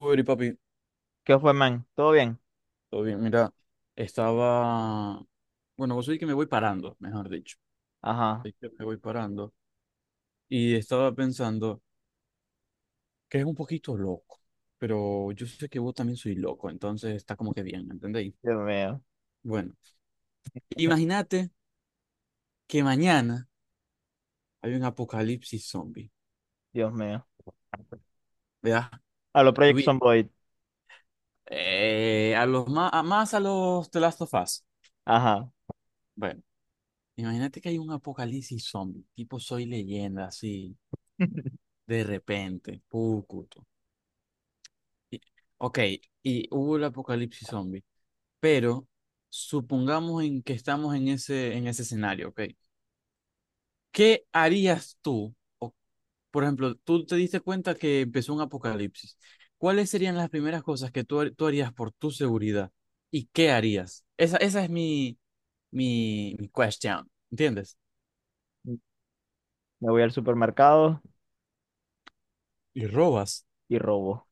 Uy, papi, ¿Qué fue, man? ¿Todo bien? todo bien, mira, estaba, bueno, vos sabés que me voy parando, mejor dicho, Ajá. sabés que me voy parando y estaba pensando que es un poquito loco, pero yo sé que vos también soy loco, entonces está como que bien, ¿me entendéis? Dios mío. Bueno, imagínate que mañana hay un apocalipsis zombie, Dios mío. ¿verdad? A los Project Tuvi- Zomboid. a más a los The Last of Us. Ajá. Bueno, imagínate que hay un apocalipsis zombie, tipo Soy Leyenda, así, de repente, pucuto. Y- Ok, y hubo el apocalipsis zombie, pero supongamos en que estamos en ese escenario, ok. ¿Qué harías tú? O, por ejemplo, tú te diste cuenta que empezó un apocalipsis. ¿Cuáles serían las primeras cosas que tú harías por tu seguridad? ¿Y qué harías? Esa es mi question, ¿entiendes? Me voy al supermercado Y robas. y robo.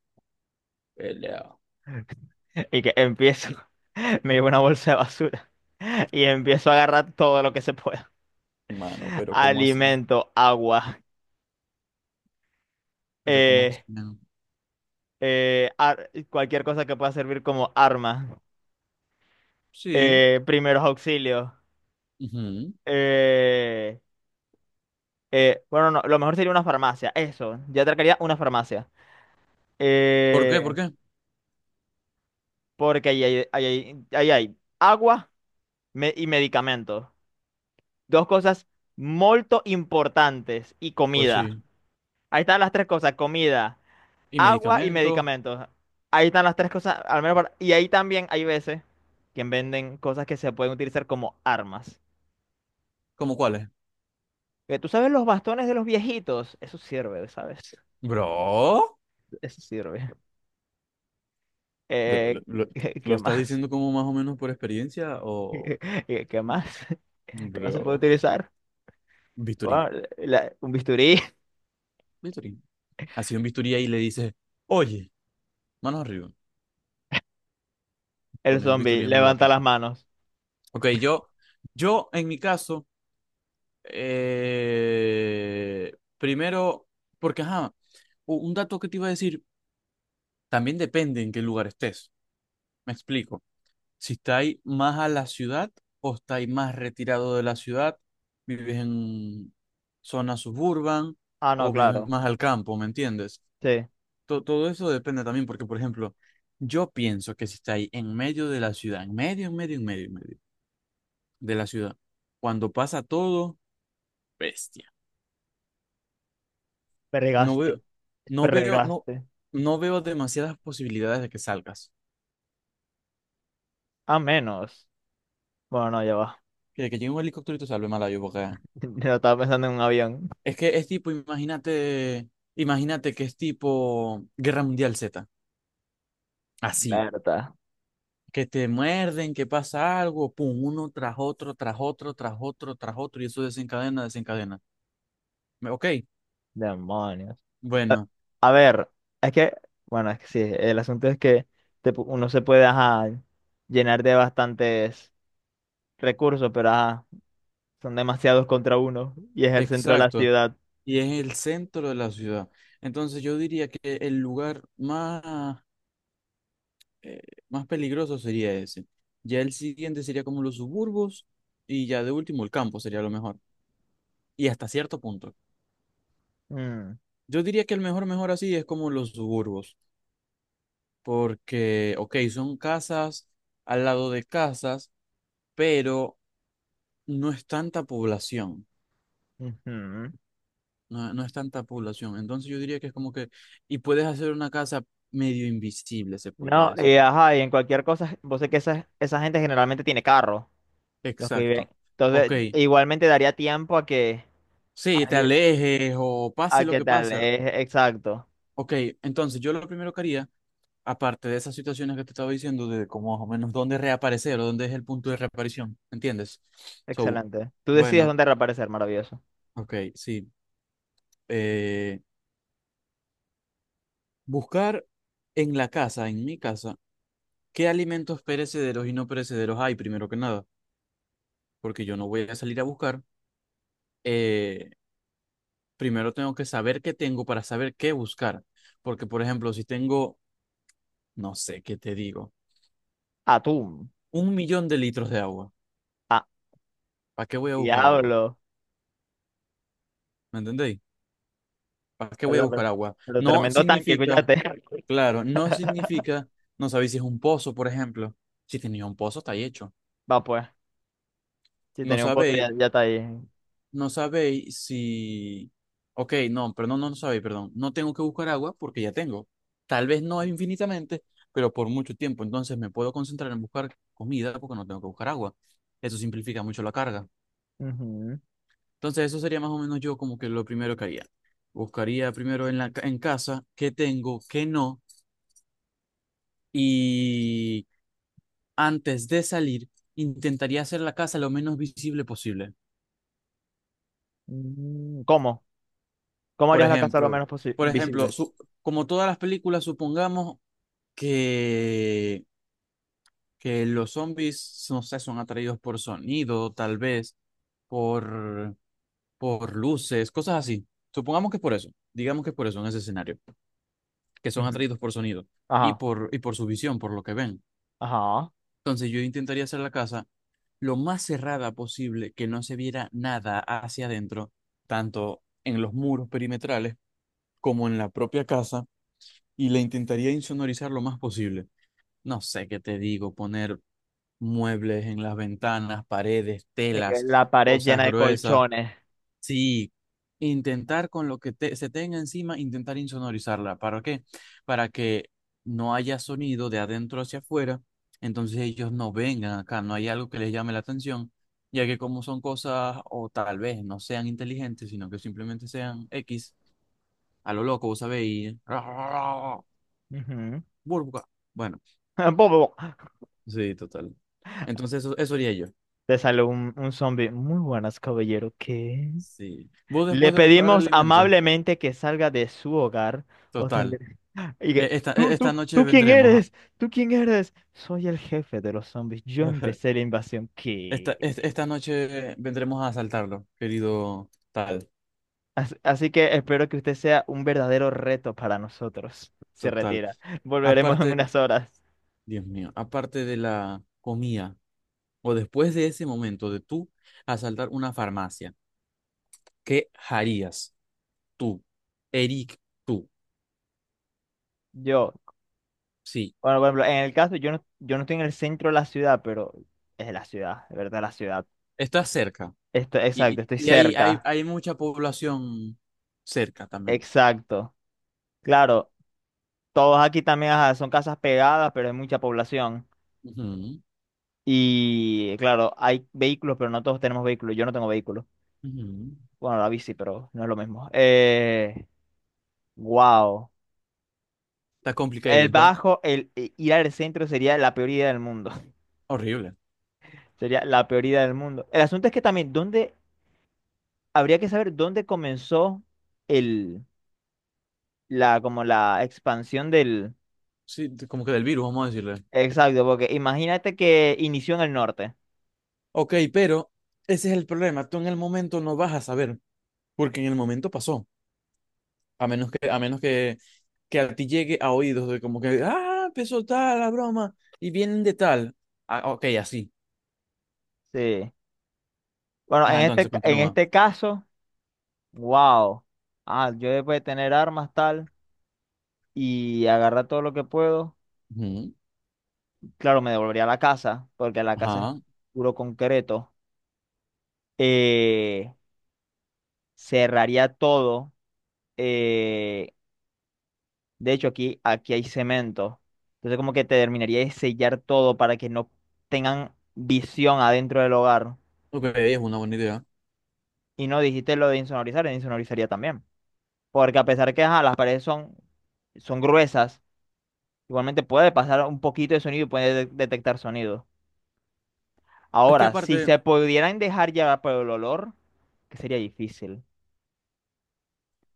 Pelea. Y que empiezo. Me llevo una bolsa de basura y empiezo a agarrar todo lo que se pueda. Mano, pero ¿cómo así? Alimento, agua, Pero ¿cómo así? eh, cualquier cosa que pueda servir como arma, Sí. Primeros auxilios. Ujú. eh, bueno, no, lo mejor sería una farmacia, eso. Ya atracaría una farmacia. ¿Por qué? Eh, ¿Por qué? Porque ahí hay agua y medicamentos. Dos cosas muy importantes y Pues comida. sí. Ahí están las tres cosas, comida, Y agua y medicamentos, medicamentos. Ahí están las tres cosas, al menos para... Y ahí también hay veces que venden cosas que se pueden utilizar como armas. ¿cómo cuáles? ¿Tú sabes los bastones de los viejitos? Eso sirve, ¿sabes? Bro, Eso sirve. Pero Eh, lo, lo- ¿lo qué estás más? diciendo como más o menos por experiencia o ¿Qué más? ¿Qué más se puede bro, utilizar? bisturí? Bueno, un bisturí. Bisturí. Así un bisturí ahí le dices, oye, manos arriba, El pone un zombie bisturí en un levanta lápiz. las manos. Ok, yo en mi caso, primero, porque ajá, un dato que te iba a decir, también depende en qué lugar estés. Me explico. Si estáis más a la ciudad o estáis más retirado de la ciudad, vives en zona suburban Ah, no, o vives claro. más al campo, ¿me entiendes? Sí. Todo eso depende también, porque, por ejemplo, yo pienso que si estáis en medio de la ciudad, en medio, en medio, en medio, en medio de la ciudad, cuando pasa todo, bestia. No veo, Fregaste. no veo, no, Fregaste. no veo demasiadas posibilidades de que salgas. A menos. Bueno, no, ya va. Que llegue un helicóptero y te salve, mala yo, porque Yo estaba pensando en un avión. es que es tipo, imagínate que es tipo Guerra Mundial Z, así, Berta. que te muerden, que pasa algo, pum, uno tras otro, tras otro, tras otro, tras otro, y eso desencadena, desencadena. Ok, Demonios. bueno, A ver, es que, bueno, es que sí. El asunto es que uno se puede, ajá, llenar de bastantes recursos, pero ajá, son demasiados contra uno. Y es el centro de la exacto, ciudad. y es el centro de la ciudad. Entonces yo diría que el lugar eh, más peligroso sería ese. Ya el siguiente sería como los suburbos, y ya de último el campo sería lo mejor, y hasta cierto punto. Mm, Yo diría que el mejor, mejor así es como los suburbos, porque, ok, son casas al lado de casas, pero no es tanta población, ujú. no es tanta población. Entonces yo diría que es como que, y puedes hacer una casa medio invisible, se podría No, decir. y ajá, y en cualquier cosa, vos sé que esa gente generalmente tiene carro. Los que viven. Exacto. Entonces, Ok, igualmente daría tiempo a que, a, sí, te alejes o a pase lo que que tal, pase. es exacto. Ok, entonces yo lo primero que haría, aparte de esas situaciones que te estaba diciendo, de como más o menos dónde reaparecer o dónde es el punto de reaparición, ¿entiendes? So, Excelente. Tú decides bueno. dónde reaparecer, maravilloso. Ok, sí. Eh, buscar en la casa, en mi casa, qué alimentos perecederos y no perecederos hay, primero que nada, porque yo no voy a salir a buscar. Eh, primero tengo que saber qué tengo para saber qué buscar, porque por ejemplo, si tengo, no sé qué te digo, Atún. un millón de litros de agua, Ah, ¿para qué voy a buscar agua? diablo. ¿Me entendéis? ¿Para qué voy a Perdón, pero, buscar agua? pero No tremendo tanque, significa, escúchate. claro, no significa, no sabéis si es un pozo, por ejemplo. Si tenía un pozo, está ahí hecho. Va pues, si No tenía un pozo sabéis ya, ya está ahí. No sabéis si. Ok, no, pero no sabéis, perdón. No tengo que buscar agua porque ya tengo. Tal vez no infinitamente, pero por mucho tiempo. Entonces me puedo concentrar en buscar comida porque no tengo que buscar agua. Eso simplifica mucho la carga. Ujú. Entonces eso sería más o menos yo como que lo primero que haría. Buscaría primero en casa qué tengo, qué no. Y antes de salir, intentaría hacer la casa lo menos visible posible. Mm, ¿cómo? ¿Cómo Por harías la casa lo ejemplo, menos por ejemplo, visible? Como todas las películas, supongamos que, que los zombies, no sé, son atraídos por sonido, tal vez, por, por luces, cosas así. Supongamos que es por eso, digamos que es por eso en ese escenario, que son Ujú. atraídos por sonido y Ajá, por, y por su visión, por lo que ven. ajá. Entonces yo intentaría hacer la casa lo más cerrada posible, que no se viera nada hacia adentro, tanto en los muros perimetrales como en la propia casa, y la intentaría insonorizar lo más posible. No sé qué te digo, poner muebles en las ventanas, paredes, telas, la pared cosas llena de gruesas. colchones. Sí, intentar con lo que se tenga encima, intentar insonorizarla. ¿Para qué? Para que no haya sonido de adentro hacia afuera, entonces ellos no vengan acá, no hay algo que les llame la atención, ya que como son cosas o tal vez no sean inteligentes, sino que simplemente sean X, a lo loco, vos sabéis, Ujú. burbuja. Bueno, Bo, sí, total. Entonces eso haría yo. te sale un zombie. Muy buenas, caballero. ¿Qué? Sí. Vos Le después de buscar pedimos alimento, amablemente que salga de su hogar o total. tendré... Y que, e- Esta, e- esta noche tú quién vendremos a. eres? ¿Tú quién eres? Soy el jefe de los zombies. Yo empecé la invasión. Esta, ¿Qué? es- esta noche vendremos a asaltarlo, querido tal, Así que espero que usted sea un verdadero reto para nosotros. Se total. retira. Volveremos en Aparte, unas horas. Dios mío, aparte de la comida, o después de ese momento de tú asaltar una farmacia, ¿qué harías tú, Eric, tú? Yo, Sí, bueno, por ejemplo, en el caso, yo no estoy en el centro de la ciudad, pero es la ciudad, de verdad, la ciudad. estás cerca Esto, y, y, exacto, estoy y hay, hay, cerca. hay mucha población cerca también. Exacto. Claro, todos aquí también ajá, son casas pegadas, pero hay mucha población. Ujú, Y claro, hay vehículos, pero no todos tenemos vehículos. Yo no tengo vehículo. ujú. Bueno, la bici, pero no es lo mismo. Wow. Está El complicated, ¿va? bajo, el ir al centro sería la peor idea del mundo. Horrible. Sería la peor idea del mundo. El asunto es que también, ¿dónde, habría que saber dónde comenzó el, como la expansión del... Sí, como que del virus, vamos a decirle. Exacto, porque imagínate que inició en el norte. Ok, pero ese es el problema. Tú en el momento no vas a saber, porque en el momento pasó. A menos que a ti llegue a oídos de como que, ah, empezó tal la broma y vienen de tal. Ah, ok, así. Sí. Bueno, en Ajá, entonces en continúa. este caso... Wow. Ah, yo después de tener armas tal y agarrar todo lo que puedo, Ujú, claro, me devolvería a la casa, porque la casa es ajá. puro concreto. Eh, cerraría todo. eh, de hecho, aquí hay cemento. Entonces, como que te terminaría de sellar todo para que no tengan visión adentro del hogar. Ok, es una buena idea. Y no dijiste lo de insonorizar, insonorizaría también. Porque a pesar que ajá, las paredes son, son gruesas. Igualmente puede pasar un poquito de sonido y puede detectar sonido. Es que Ahora, aparte, si se pudieran dejar llevar por el olor, que sería difícil.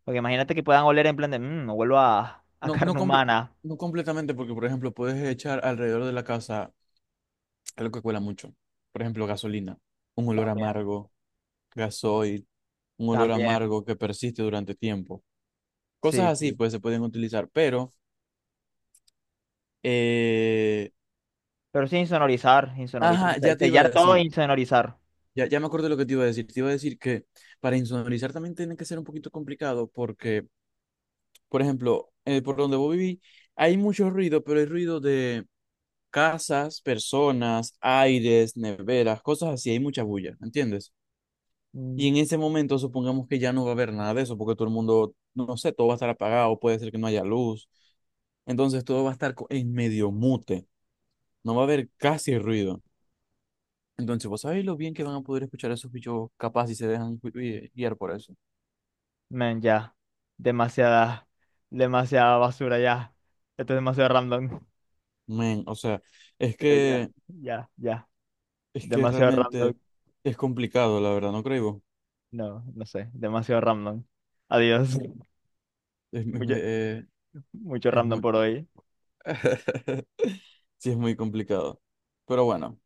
Porque imagínate que puedan oler en plan de, mmm, vuelvo a no, no, carne comple- humana. no completamente, porque por ejemplo, puedes echar alrededor de la casa algo que cuela mucho. Por ejemplo, gasolina, un olor También, amargo, gasoil un olor también. amargo que persiste durante tiempo. Cosas Sí, así, sí. pues, se pueden utilizar, pero, eh, Pero sí insonorizar, insonorizar. ajá, ya te iba Sellar a todo e decir, insonorizar. ya me acuerdo de lo que te iba a decir, que para insonorizar también tiene que ser un poquito complicado porque, por ejemplo, por donde vos viví, hay mucho ruido, pero hay ruido de casas, personas, aires, neveras, cosas así, hay mucha bulla, ¿entiendes? Mm, Y en ese momento supongamos que ya no va a haber nada de eso, porque todo el mundo, no sé, todo va a estar apagado, puede ser que no haya luz. Entonces todo va a estar en medio mute, no va a haber casi ruido. Entonces, ¿vos sabéis lo bien que van a poder escuchar a esos bichos capaz si se dejan guiar por eso? men, ya. Demasiada, demasiada basura ya. Esto es demasiado random. Men, o sea, es Ya, ya, que, ya, ya. es que Demasiado random. realmente es complicado, la verdad, ¿no creo? No, no sé. Demasiado random. Adiós. Es, es, Mucho, eh, mucho es random muy... por hoy. Sí, es muy complicado. Pero bueno.